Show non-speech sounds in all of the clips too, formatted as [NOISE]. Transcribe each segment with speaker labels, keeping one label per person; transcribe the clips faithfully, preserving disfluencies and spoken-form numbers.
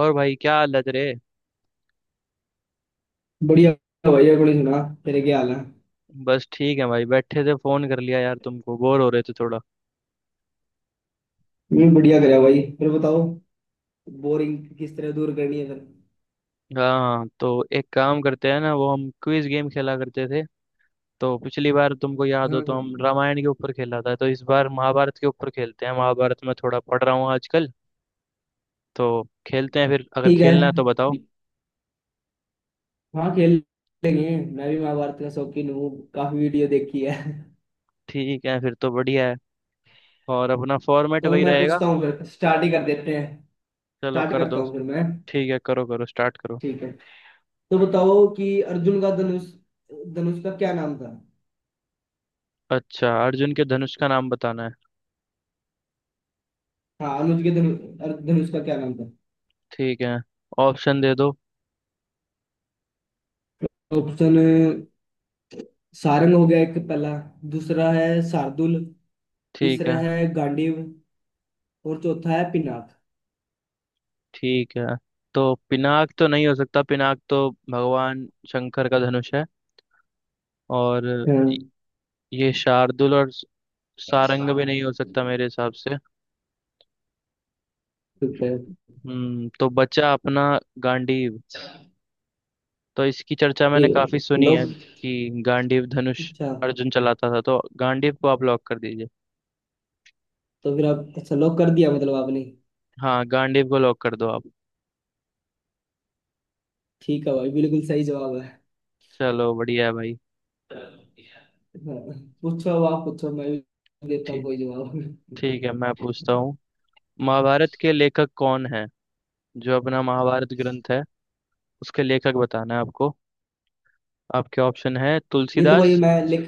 Speaker 1: और भाई क्या हालत रे।
Speaker 2: बढ़िया। भाई अपनी सुना, तेरे क्या हाल है।
Speaker 1: बस ठीक है भाई, बैठे थे फोन कर लिया यार तुमको, बोर हो रहे थे थोड़ा।
Speaker 2: मैं बढ़िया करा भाई। फिर बताओ, बोरिंग किस तरह दूर करनी है फिर।
Speaker 1: हाँ तो एक काम करते हैं ना, वो हम क्विज गेम खेला करते थे। तो पिछली बार तुमको याद
Speaker 2: हाँ
Speaker 1: हो तो,
Speaker 2: हाँ।
Speaker 1: हम रामायण के ऊपर खेला था, तो इस बार महाभारत के ऊपर खेलते हैं। महाभारत में थोड़ा पढ़ रहा हूँ आजकल। तो खेलते हैं फिर, अगर
Speaker 2: ठीक है।
Speaker 1: खेलना है तो बताओ।
Speaker 2: हाँ खेल लेंगे। मैं भी महाभारत का शौकीन हूँ, काफी वीडियो देखी है।
Speaker 1: ठीक है फिर तो बढ़िया है। और अपना फॉर्मेट
Speaker 2: चलो
Speaker 1: वही
Speaker 2: मैं
Speaker 1: रहेगा।
Speaker 2: पूछता हूँ, फिर स्टार्ट ही कर देते हैं।
Speaker 1: चलो
Speaker 2: स्टार्ट
Speaker 1: कर
Speaker 2: करता
Speaker 1: दो।
Speaker 2: हूँ फिर मैं।
Speaker 1: ठीक है, करो करो, स्टार्ट करो।
Speaker 2: ठीक है। तो बताओ कि अर्जुन का धनुष, धनुष का क्या नाम था।
Speaker 1: अच्छा, अर्जुन के धनुष का नाम बताना है।
Speaker 2: हाँ, अनुज के धनु- धनुष का क्या नाम था।
Speaker 1: ठीक है, ऑप्शन दे दो।
Speaker 2: ऑप्शन, सारंग हो गया एक पहला, दूसरा है शार्दुल,
Speaker 1: ठीक
Speaker 2: तीसरा
Speaker 1: है।
Speaker 2: है गांडीव, और चौथा है पिनाक।
Speaker 1: ठीक है। तो पिनाक तो नहीं हो सकता, पिनाक तो भगवान शंकर का धनुष है। और
Speaker 2: हाँ।
Speaker 1: ये शार्दुल और सारंग भी नहीं हो सकता मेरे हिसाब से।
Speaker 2: ठीक है।
Speaker 1: हम्म, तो बचा अपना गांडीव। तो इसकी चर्चा
Speaker 2: ए,
Speaker 1: मैंने काफी सुनी है
Speaker 2: लॉक।
Speaker 1: कि गांडीव धनुष
Speaker 2: अच्छा,
Speaker 1: अर्जुन चलाता था, तो गांडीव को आप लॉक कर दीजिए।
Speaker 2: तो फिर आप अच्छा लॉक कर दिया मतलब आपने।
Speaker 1: हाँ, गांडीव को लॉक कर दो आप।
Speaker 2: ठीक है भाई, बिल्कुल सही जवाब है।
Speaker 1: चलो बढ़िया है भाई।
Speaker 2: हाँ, पूछो अब, आप पूछो, मैं भी देता हूँ
Speaker 1: ठीक।
Speaker 2: कोई जवाब।
Speaker 1: ठीक है, मैं पूछता हूँ। महाभारत के लेखक कौन है। जो अपना महाभारत ग्रंथ है उसके लेखक बताना है आपको। आपके ऑप्शन है
Speaker 2: ये तो भाई
Speaker 1: तुलसीदास।
Speaker 2: मैं लेख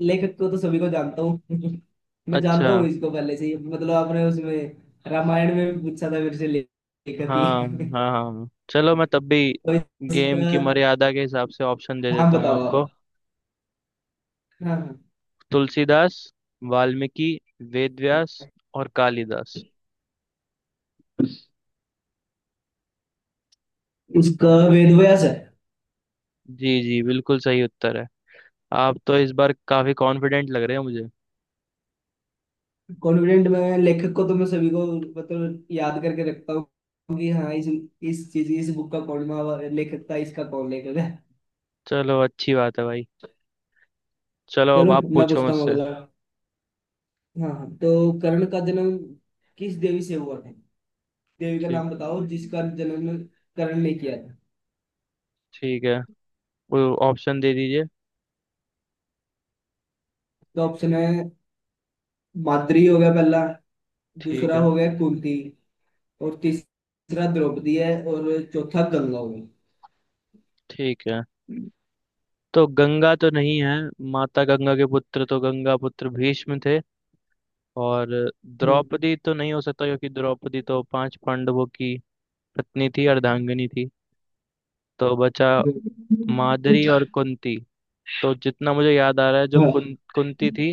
Speaker 2: लेखक को तो सभी को जानता हूँ। [LAUGHS] मैं
Speaker 1: अच्छा।
Speaker 2: जानता हूँ इसको पहले से ही। मतलब आपने उसमें रामायण में भी पूछा था मेरे से ले- लेखक की।
Speaker 1: हाँ, हाँ हाँ चलो, मैं तब भी
Speaker 2: [LAUGHS] तो
Speaker 1: गेम
Speaker 2: इसका,
Speaker 1: की मर्यादा के हिसाब से ऑप्शन दे
Speaker 2: हाँ
Speaker 1: देता हूँ
Speaker 2: बताओ आप।
Speaker 1: आपको।
Speaker 2: हाँ हाँ।
Speaker 1: तुलसीदास, वाल्मीकि, वेद व्यास और कालिदास।
Speaker 2: उसका वेद व्यास है।
Speaker 1: जी जी, बिल्कुल सही उत्तर है। आप तो इस बार काफी कॉन्फिडेंट लग रहे हो मुझे।
Speaker 2: कॉन्फिडेंट, मैं लेखक को तो मैं सभी को, मतलब याद करके रखता हूँ कि हाँ इस इस चीज इस बुक का कौन महा- लेखक था, इसका कौन लेखक है।
Speaker 1: चलो अच्छी बात है भाई। चलो
Speaker 2: चलो
Speaker 1: अब आप
Speaker 2: मैं
Speaker 1: पूछो
Speaker 2: पूछता हूँ
Speaker 1: मुझसे।
Speaker 2: अगला। हाँ हाँ, तो कर्ण का जन्म किस देवी से हुआ था। देवी का
Speaker 1: ठीक।
Speaker 2: नाम बताओ जिसका जन्म कर्ण ने किया था।
Speaker 1: ठीक है। वो, ऑप्शन दे दीजिए।
Speaker 2: तो ऑप्शन है, माद्री हो गया पहला,
Speaker 1: ठीक
Speaker 2: दूसरा
Speaker 1: है।
Speaker 2: हो गया कुंती, और तीसरा द्रौपदी है, और चौथा गंगा हो गया।
Speaker 1: ठीक है। तो गंगा तो नहीं है, माता गंगा के पुत्र तो गंगा पुत्र भीष्म थे। और
Speaker 2: हम्म।
Speaker 1: द्रौपदी तो नहीं हो सकता क्योंकि द्रौपदी तो पांच पांडवों की पत्नी थी, अर्धांगिनी थी। तो बचा
Speaker 2: हम्म।
Speaker 1: मादरी और कुंती। तो जितना मुझे याद आ रहा है, जो
Speaker 2: हाँ,
Speaker 1: कुं, कुंती थी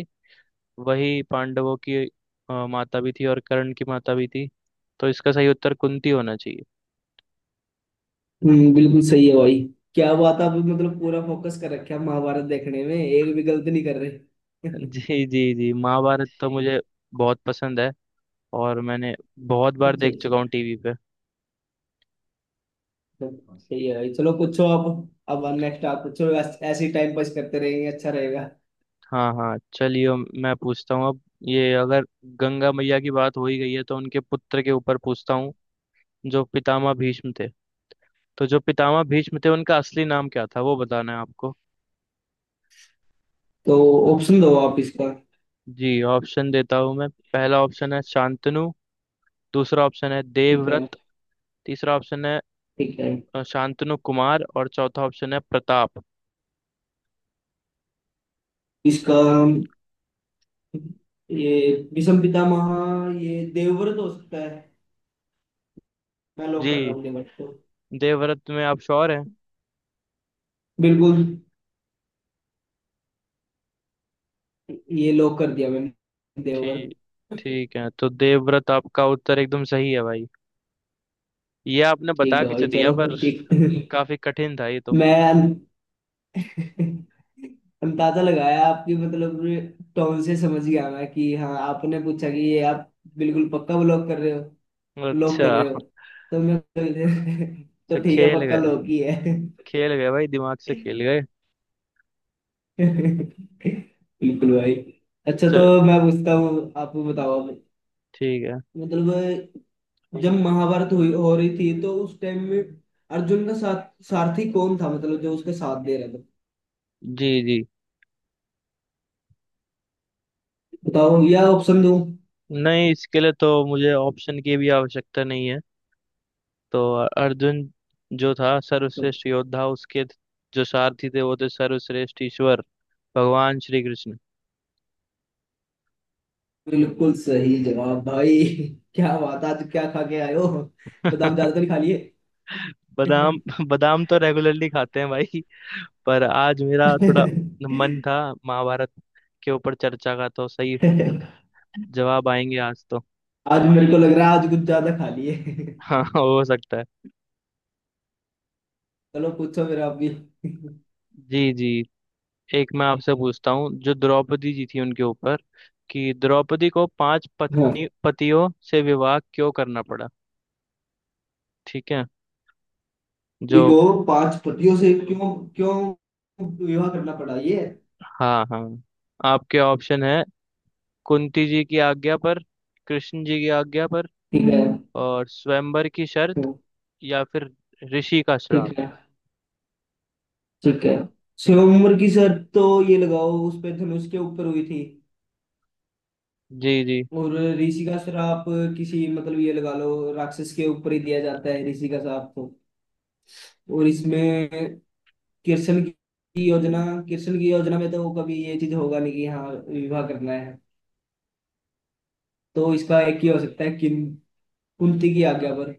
Speaker 1: वही पांडवों की अ, माता भी थी और कर्ण की माता भी थी। तो इसका सही उत्तर कुंती होना चाहिए।
Speaker 2: हम्म, बिल्कुल सही है भाई। क्या बात, आप मतलब पूरा फोकस कर रखे महाभारत देखने में, एक भी गलती नहीं कर रहे।
Speaker 1: [LAUGHS]
Speaker 2: [LAUGHS]
Speaker 1: जी जी जी, महाभारत तो
Speaker 2: अच्छा
Speaker 1: मुझे बहुत पसंद है। और मैंने बहुत बार
Speaker 2: अच्छा।
Speaker 1: देख चुका हूँ टीवी पे।
Speaker 2: सही है भाई, चलो पूछो अब। अब नेक्स्ट आप पूछो, ऐस- ऐसे ही टाइम पास करते रहेंगे, अच्छा रहेगा।
Speaker 1: हाँ हाँ, चलिए मैं पूछता हूँ अब। ये अगर गंगा मैया की बात हो ही गई है तो उनके पुत्र के ऊपर पूछता हूँ, जो पितामह भीष्म थे। तो जो पितामह भीष्म थे उनका असली नाम क्या था वो बताना है आपको।
Speaker 2: तो ऑप्शन दो आप इसका।
Speaker 1: जी, ऑप्शन देता हूँ मैं। पहला ऑप्शन है शांतनु। दूसरा ऑप्शन है
Speaker 2: ठीक है।
Speaker 1: देवव्रत। तीसरा ऑप्शन है
Speaker 2: ठीक है।
Speaker 1: अ, शांतनु कुमार। और चौथा ऑप्शन है प्रताप।
Speaker 2: इसका ये विषम पितामह, ये देवव्रत हो सकता है। मैं लॉक कर रहा
Speaker 1: जी,
Speaker 2: हूँ देवव्रत को।
Speaker 1: देवव्रत में आप श्योर हैं?
Speaker 2: बिल्कुल। ये लॉक कर दिया मैंने, देवव्रत।
Speaker 1: ठीक। ठीक है, तो देवव्रत आपका उत्तर एकदम सही है भाई। ये आपने
Speaker 2: ठीक
Speaker 1: बता
Speaker 2: है भाई।
Speaker 1: किसे दिया
Speaker 2: चलो
Speaker 1: पर।
Speaker 2: ठीक।
Speaker 1: [LAUGHS] काफी कठिन था ये तो।
Speaker 2: मैं अं- अंदाजा लगाया आपकी मतलब टोन से, समझ गया मैं कि हाँ आपने पूछा कि ये आप बिल्कुल पक्का ब्लॉक कर रहे हो,
Speaker 1: अच्छा
Speaker 2: लॉक कर रहे हो।
Speaker 1: अच्छा।
Speaker 2: तो मैं [LAUGHS] तो ठीक है,
Speaker 1: खेल
Speaker 2: पक्का
Speaker 1: गए,
Speaker 2: लॉक ही है।
Speaker 1: खेल गए भाई, दिमाग से खेल गए।
Speaker 2: बिल्कुल भाई। अच्छा, तो
Speaker 1: चल।
Speaker 2: मैं पूछता हूँ आपको, बताओ आप।
Speaker 1: ठीक है।
Speaker 2: मतलब जब महाभारत हुई, हो रही थी, तो उस टाइम में अर्जुन का साथ सारथी कौन था, मतलब जो उसके साथ दे रहा था।
Speaker 1: जी जी,
Speaker 2: बताओ या ऑप्शन दूं।
Speaker 1: नहीं इसके लिए तो मुझे ऑप्शन की भी आवश्यकता नहीं है। तो अर्जुन जो था सर्वश्रेष्ठ योद्धा, उसके जो सारथी थे वो थे सर्वश्रेष्ठ ईश्वर, भगवान श्री कृष्ण।
Speaker 2: बिल्कुल सही जवाब भाई। [LAUGHS] क्या बात, आज क्या खा के आए हो। बादाम ज्यादा तो नहीं खा
Speaker 1: [LAUGHS]
Speaker 2: लिए।
Speaker 1: बादाम, बादाम तो रेगुलरली खाते हैं भाई। पर आज मेरा थोड़ा
Speaker 2: [LAUGHS]
Speaker 1: मन था महाभारत के ऊपर चर्चा का, तो सही जवाब आएंगे आज तो।
Speaker 2: आज मेरे को लग रहा है आज कुछ ज्यादा खा लिए। [LAUGHS]
Speaker 1: [LAUGHS] हाँ हो सकता है।
Speaker 2: चलो पूछो फिर आप भी।
Speaker 1: जी जी, एक मैं आपसे पूछता हूँ, जो द्रौपदी जी थी उनके ऊपर, कि द्रौपदी को पांच
Speaker 2: हाँ।
Speaker 1: पत्नी पतियों से विवाह क्यों करना पड़ा। ठीक है।
Speaker 2: स्त्री
Speaker 1: जो,
Speaker 2: को पांच पतियों से क्यों क्यों विवाह करना पड़ा, ये है।
Speaker 1: हाँ हाँ, आपके ऑप्शन है कुंती जी की आज्ञा पर, कृष्ण जी की आज्ञा पर,
Speaker 2: ठीक है।
Speaker 1: और स्वयंवर की
Speaker 2: तो
Speaker 1: शर्त, या फिर ऋषि का श्राप।
Speaker 2: ठीक है। ठीक है, स्वयंवर की शर्त तो ये लगाओ उस पे धनुष के ऊपर हुई थी।
Speaker 1: जी जी
Speaker 2: और ऋषि का श्राप, किसी मतलब ये लगा लो राक्षस के ऊपर ही दिया जाता है ऋषि का श्राप तो। और इसमें कृष्ण की योजना, कृष्ण की योजना में तो कभी ये चीज होगा नहीं कि हाँ विवाह करना है। तो इसका एक ही हो सकता है कि कुंती की आज्ञा पर।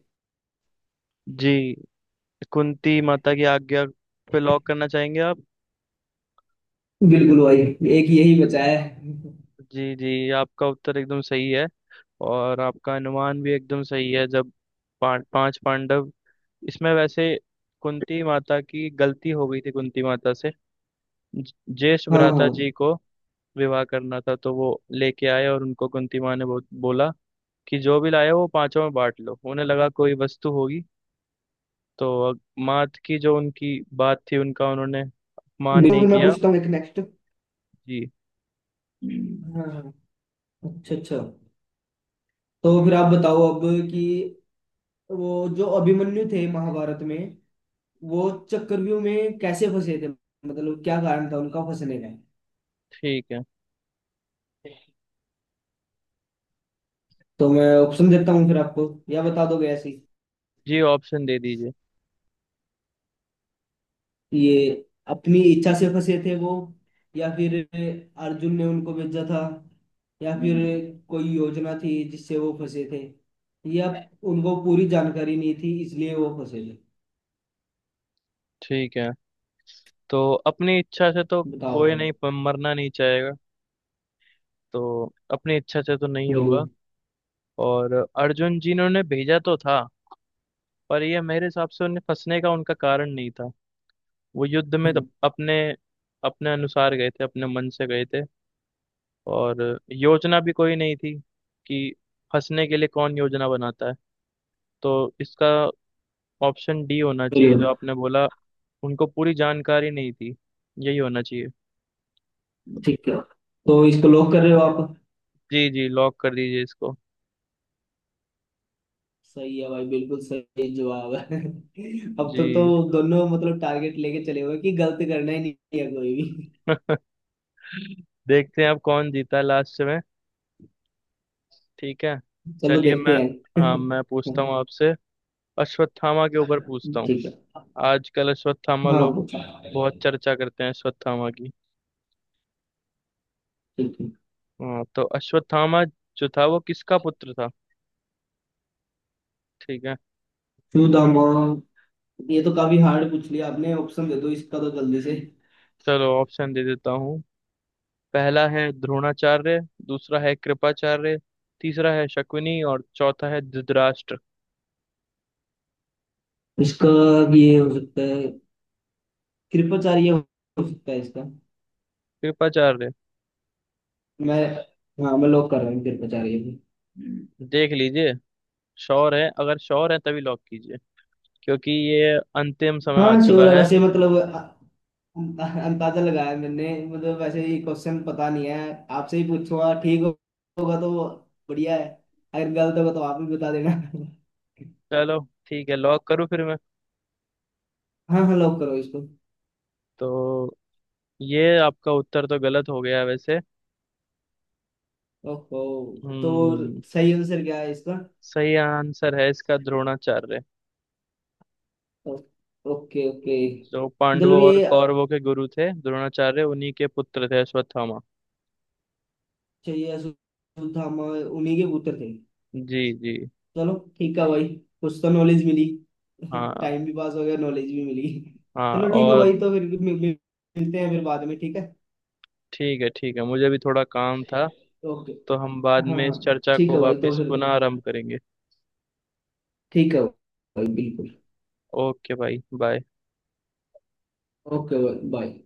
Speaker 1: जी, कुंती माता की आज्ञा पे लॉक करना चाहेंगे आप?
Speaker 2: बिल्कुल भाई, एक यही बचा है।
Speaker 1: जी जी, आपका उत्तर एकदम सही है। और आपका अनुमान भी एकदम सही है। जब पां, पांच पांडव इसमें वैसे, कुंती माता की गलती हो गई थी, कुंती माता से ज- ज्येष्ठ
Speaker 2: हाँ हाँ
Speaker 1: भ्राता जी
Speaker 2: तो
Speaker 1: को विवाह करना था, तो वो लेके आए और उनको कुंती माँ ने बो, बोला कि जो भी लाए वो पांचों में बांट लो, उन्हें लगा कोई वस्तु होगी। तो अग- मात की जो उनकी बात थी, उनका उन्होंने अपमान
Speaker 2: बिल्कुल।
Speaker 1: नहीं
Speaker 2: तो मैं
Speaker 1: किया।
Speaker 2: पूछता हूँ एक नेक्स्ट।
Speaker 1: जी।
Speaker 2: हाँ हाँ। अच्छा अच्छा। तो फिर आप बताओ अब कि वो जो अभिमन्यु थे महाभारत में, वो चक्रव्यूह में कैसे फंसे थे, मतलब क्या कारण था उनका फंसने का।
Speaker 1: ठीक है।
Speaker 2: तो मैं ऑप्शन देता हूँ फिर आपको, या बता दोगे ऐसे ही।
Speaker 1: जी, ऑप्शन दे दीजिए।
Speaker 2: ये अपनी इच्छा से फंसे थे वो, या फिर अर्जुन ने उनको भेजा था, या फिर कोई योजना थी जिससे वो फंसे थे, या उनको पूरी जानकारी नहीं थी इसलिए वो फंसे थे।
Speaker 1: ठीक है। तो अपनी इच्छा से तो,
Speaker 2: बताओ।
Speaker 1: कोई नहीं प- मरना नहीं चाहेगा, तो अपनी इच्छा से तो नहीं
Speaker 2: बिल्कुल।
Speaker 1: होगा। और अर्जुन जी ने उन्हें भेजा तो था, पर यह मेरे हिसाब से उन्हें फंसने का उनका कारण नहीं था। वो युद्ध में तो अपने अपने अनुसार गए थे, अपने मन से गए थे। और योजना भी कोई नहीं थी, कि फंसने के लिए कौन योजना बनाता है। तो इसका ऑप्शन डी होना चाहिए, जो
Speaker 2: बिल्कुल।
Speaker 1: आपने बोला, उनको पूरी जानकारी नहीं थी, यही होना चाहिए।
Speaker 2: ठीक है, तो इसको लॉक कर रहे हो आप।
Speaker 1: जी जी, लॉक कर दीजिए इसको।
Speaker 2: सही है भाई, बिल्कुल सही जवाब है। [LAUGHS] अब तक तो
Speaker 1: जी।
Speaker 2: दोनों मतलब टारगेट लेके चले हुए कि गलत करना ही नहीं है कोई भी।
Speaker 1: [LAUGHS] देखते हैं अब कौन जीता है लास्ट में। ठीक है।
Speaker 2: चलो
Speaker 1: चलिए मैं,
Speaker 2: देखते
Speaker 1: हाँ
Speaker 2: हैं।
Speaker 1: मैं पूछता हूँ आपसे, अश्वत्थामा के ऊपर पूछता
Speaker 2: [LAUGHS]
Speaker 1: हूँ।
Speaker 2: ठीक है।
Speaker 1: आजकल अश्वत्थामा
Speaker 2: हाँ
Speaker 1: लोग
Speaker 2: वो-
Speaker 1: बहुत चर्चा करते हैं अश्वत्थामा की।
Speaker 2: ठीक है।
Speaker 1: हाँ, तो अश्वत्थामा जो था वो किसका पुत्र था। ठीक है,
Speaker 2: टू द मॉल, ये तो काफी हार्ड पूछ लिया आपने, ऑप्शन दे दो इसका तो जल्दी से।
Speaker 1: चलो ऑप्शन दे देता हूँ। पहला है द्रोणाचार्य, दूसरा है कृपाचार्य, तीसरा है शकुनी और चौथा है धृतराष्ट्र।
Speaker 2: इसका ये हो सकता है, कृपाचार्य हो सकता है इसका।
Speaker 1: कृपाचार्य?
Speaker 2: मैं हाँ मैं लॉक कर रहा हूँ कृपाचार्य
Speaker 1: देख लीजिए, श्योर है, अगर श्योर है तभी लॉक कीजिए, क्योंकि ये अंतिम समय
Speaker 2: को।
Speaker 1: आ
Speaker 2: हाँ श्योर
Speaker 1: चुका
Speaker 2: है
Speaker 1: है।
Speaker 2: वैसे, मतलब अ- अ- अंदाजा लगाया मैंने, मतलब वैसे ये क्वेश्चन पता नहीं है। आपसे ही पूछूंगा, ठीक हो- होगा तो बढ़िया है, अगर गलत होगा तो आप भी बता देना।
Speaker 1: चलो ठीक है, लॉक करूँ फिर मैं।
Speaker 2: हाँ हाँ, लॉक करो इसको।
Speaker 1: तो ये आपका उत्तर तो गलत हो गया वैसे।
Speaker 2: ओहो। तो
Speaker 1: हम्म।
Speaker 2: सही आंसर क्या है इसका।
Speaker 1: सही आंसर है इसका द्रोणाचार्य।
Speaker 2: ओ- ओके ओके।
Speaker 1: जो
Speaker 2: चलो
Speaker 1: पांडवों और
Speaker 2: ये,
Speaker 1: कौरवों के गुरु थे द्रोणाचार्य, उन्हीं के पुत्र थे अश्वत्थामा।
Speaker 2: चाहिए असुधामा, उन्हीं के पुत्र थे।
Speaker 1: जी जी।
Speaker 2: चलो ठीक है भाई, कुछ तो नॉलेज मिली। [LAUGHS]
Speaker 1: हाँ
Speaker 2: टाइम भी पास हो गया, नॉलेज भी मिली।
Speaker 1: हाँ।
Speaker 2: चलो ठीक है
Speaker 1: और
Speaker 2: भाई, तो फिर मिल- मिल- मिलते हैं फिर बाद में, ठीक है।
Speaker 1: ठीक है, ठीक है, मुझे भी थोड़ा काम था।
Speaker 2: ओके।
Speaker 1: तो हम बाद
Speaker 2: हाँ
Speaker 1: में
Speaker 2: हाँ।
Speaker 1: इस चर्चा
Speaker 2: ठीक
Speaker 1: को
Speaker 2: है भाई, तो
Speaker 1: वापस
Speaker 2: फिर
Speaker 1: पुनः आरंभ करेंगे।
Speaker 2: ठीक है भाई, बिल्कुल।
Speaker 1: ओके भाई, बाय।
Speaker 2: ओके भाई बाय।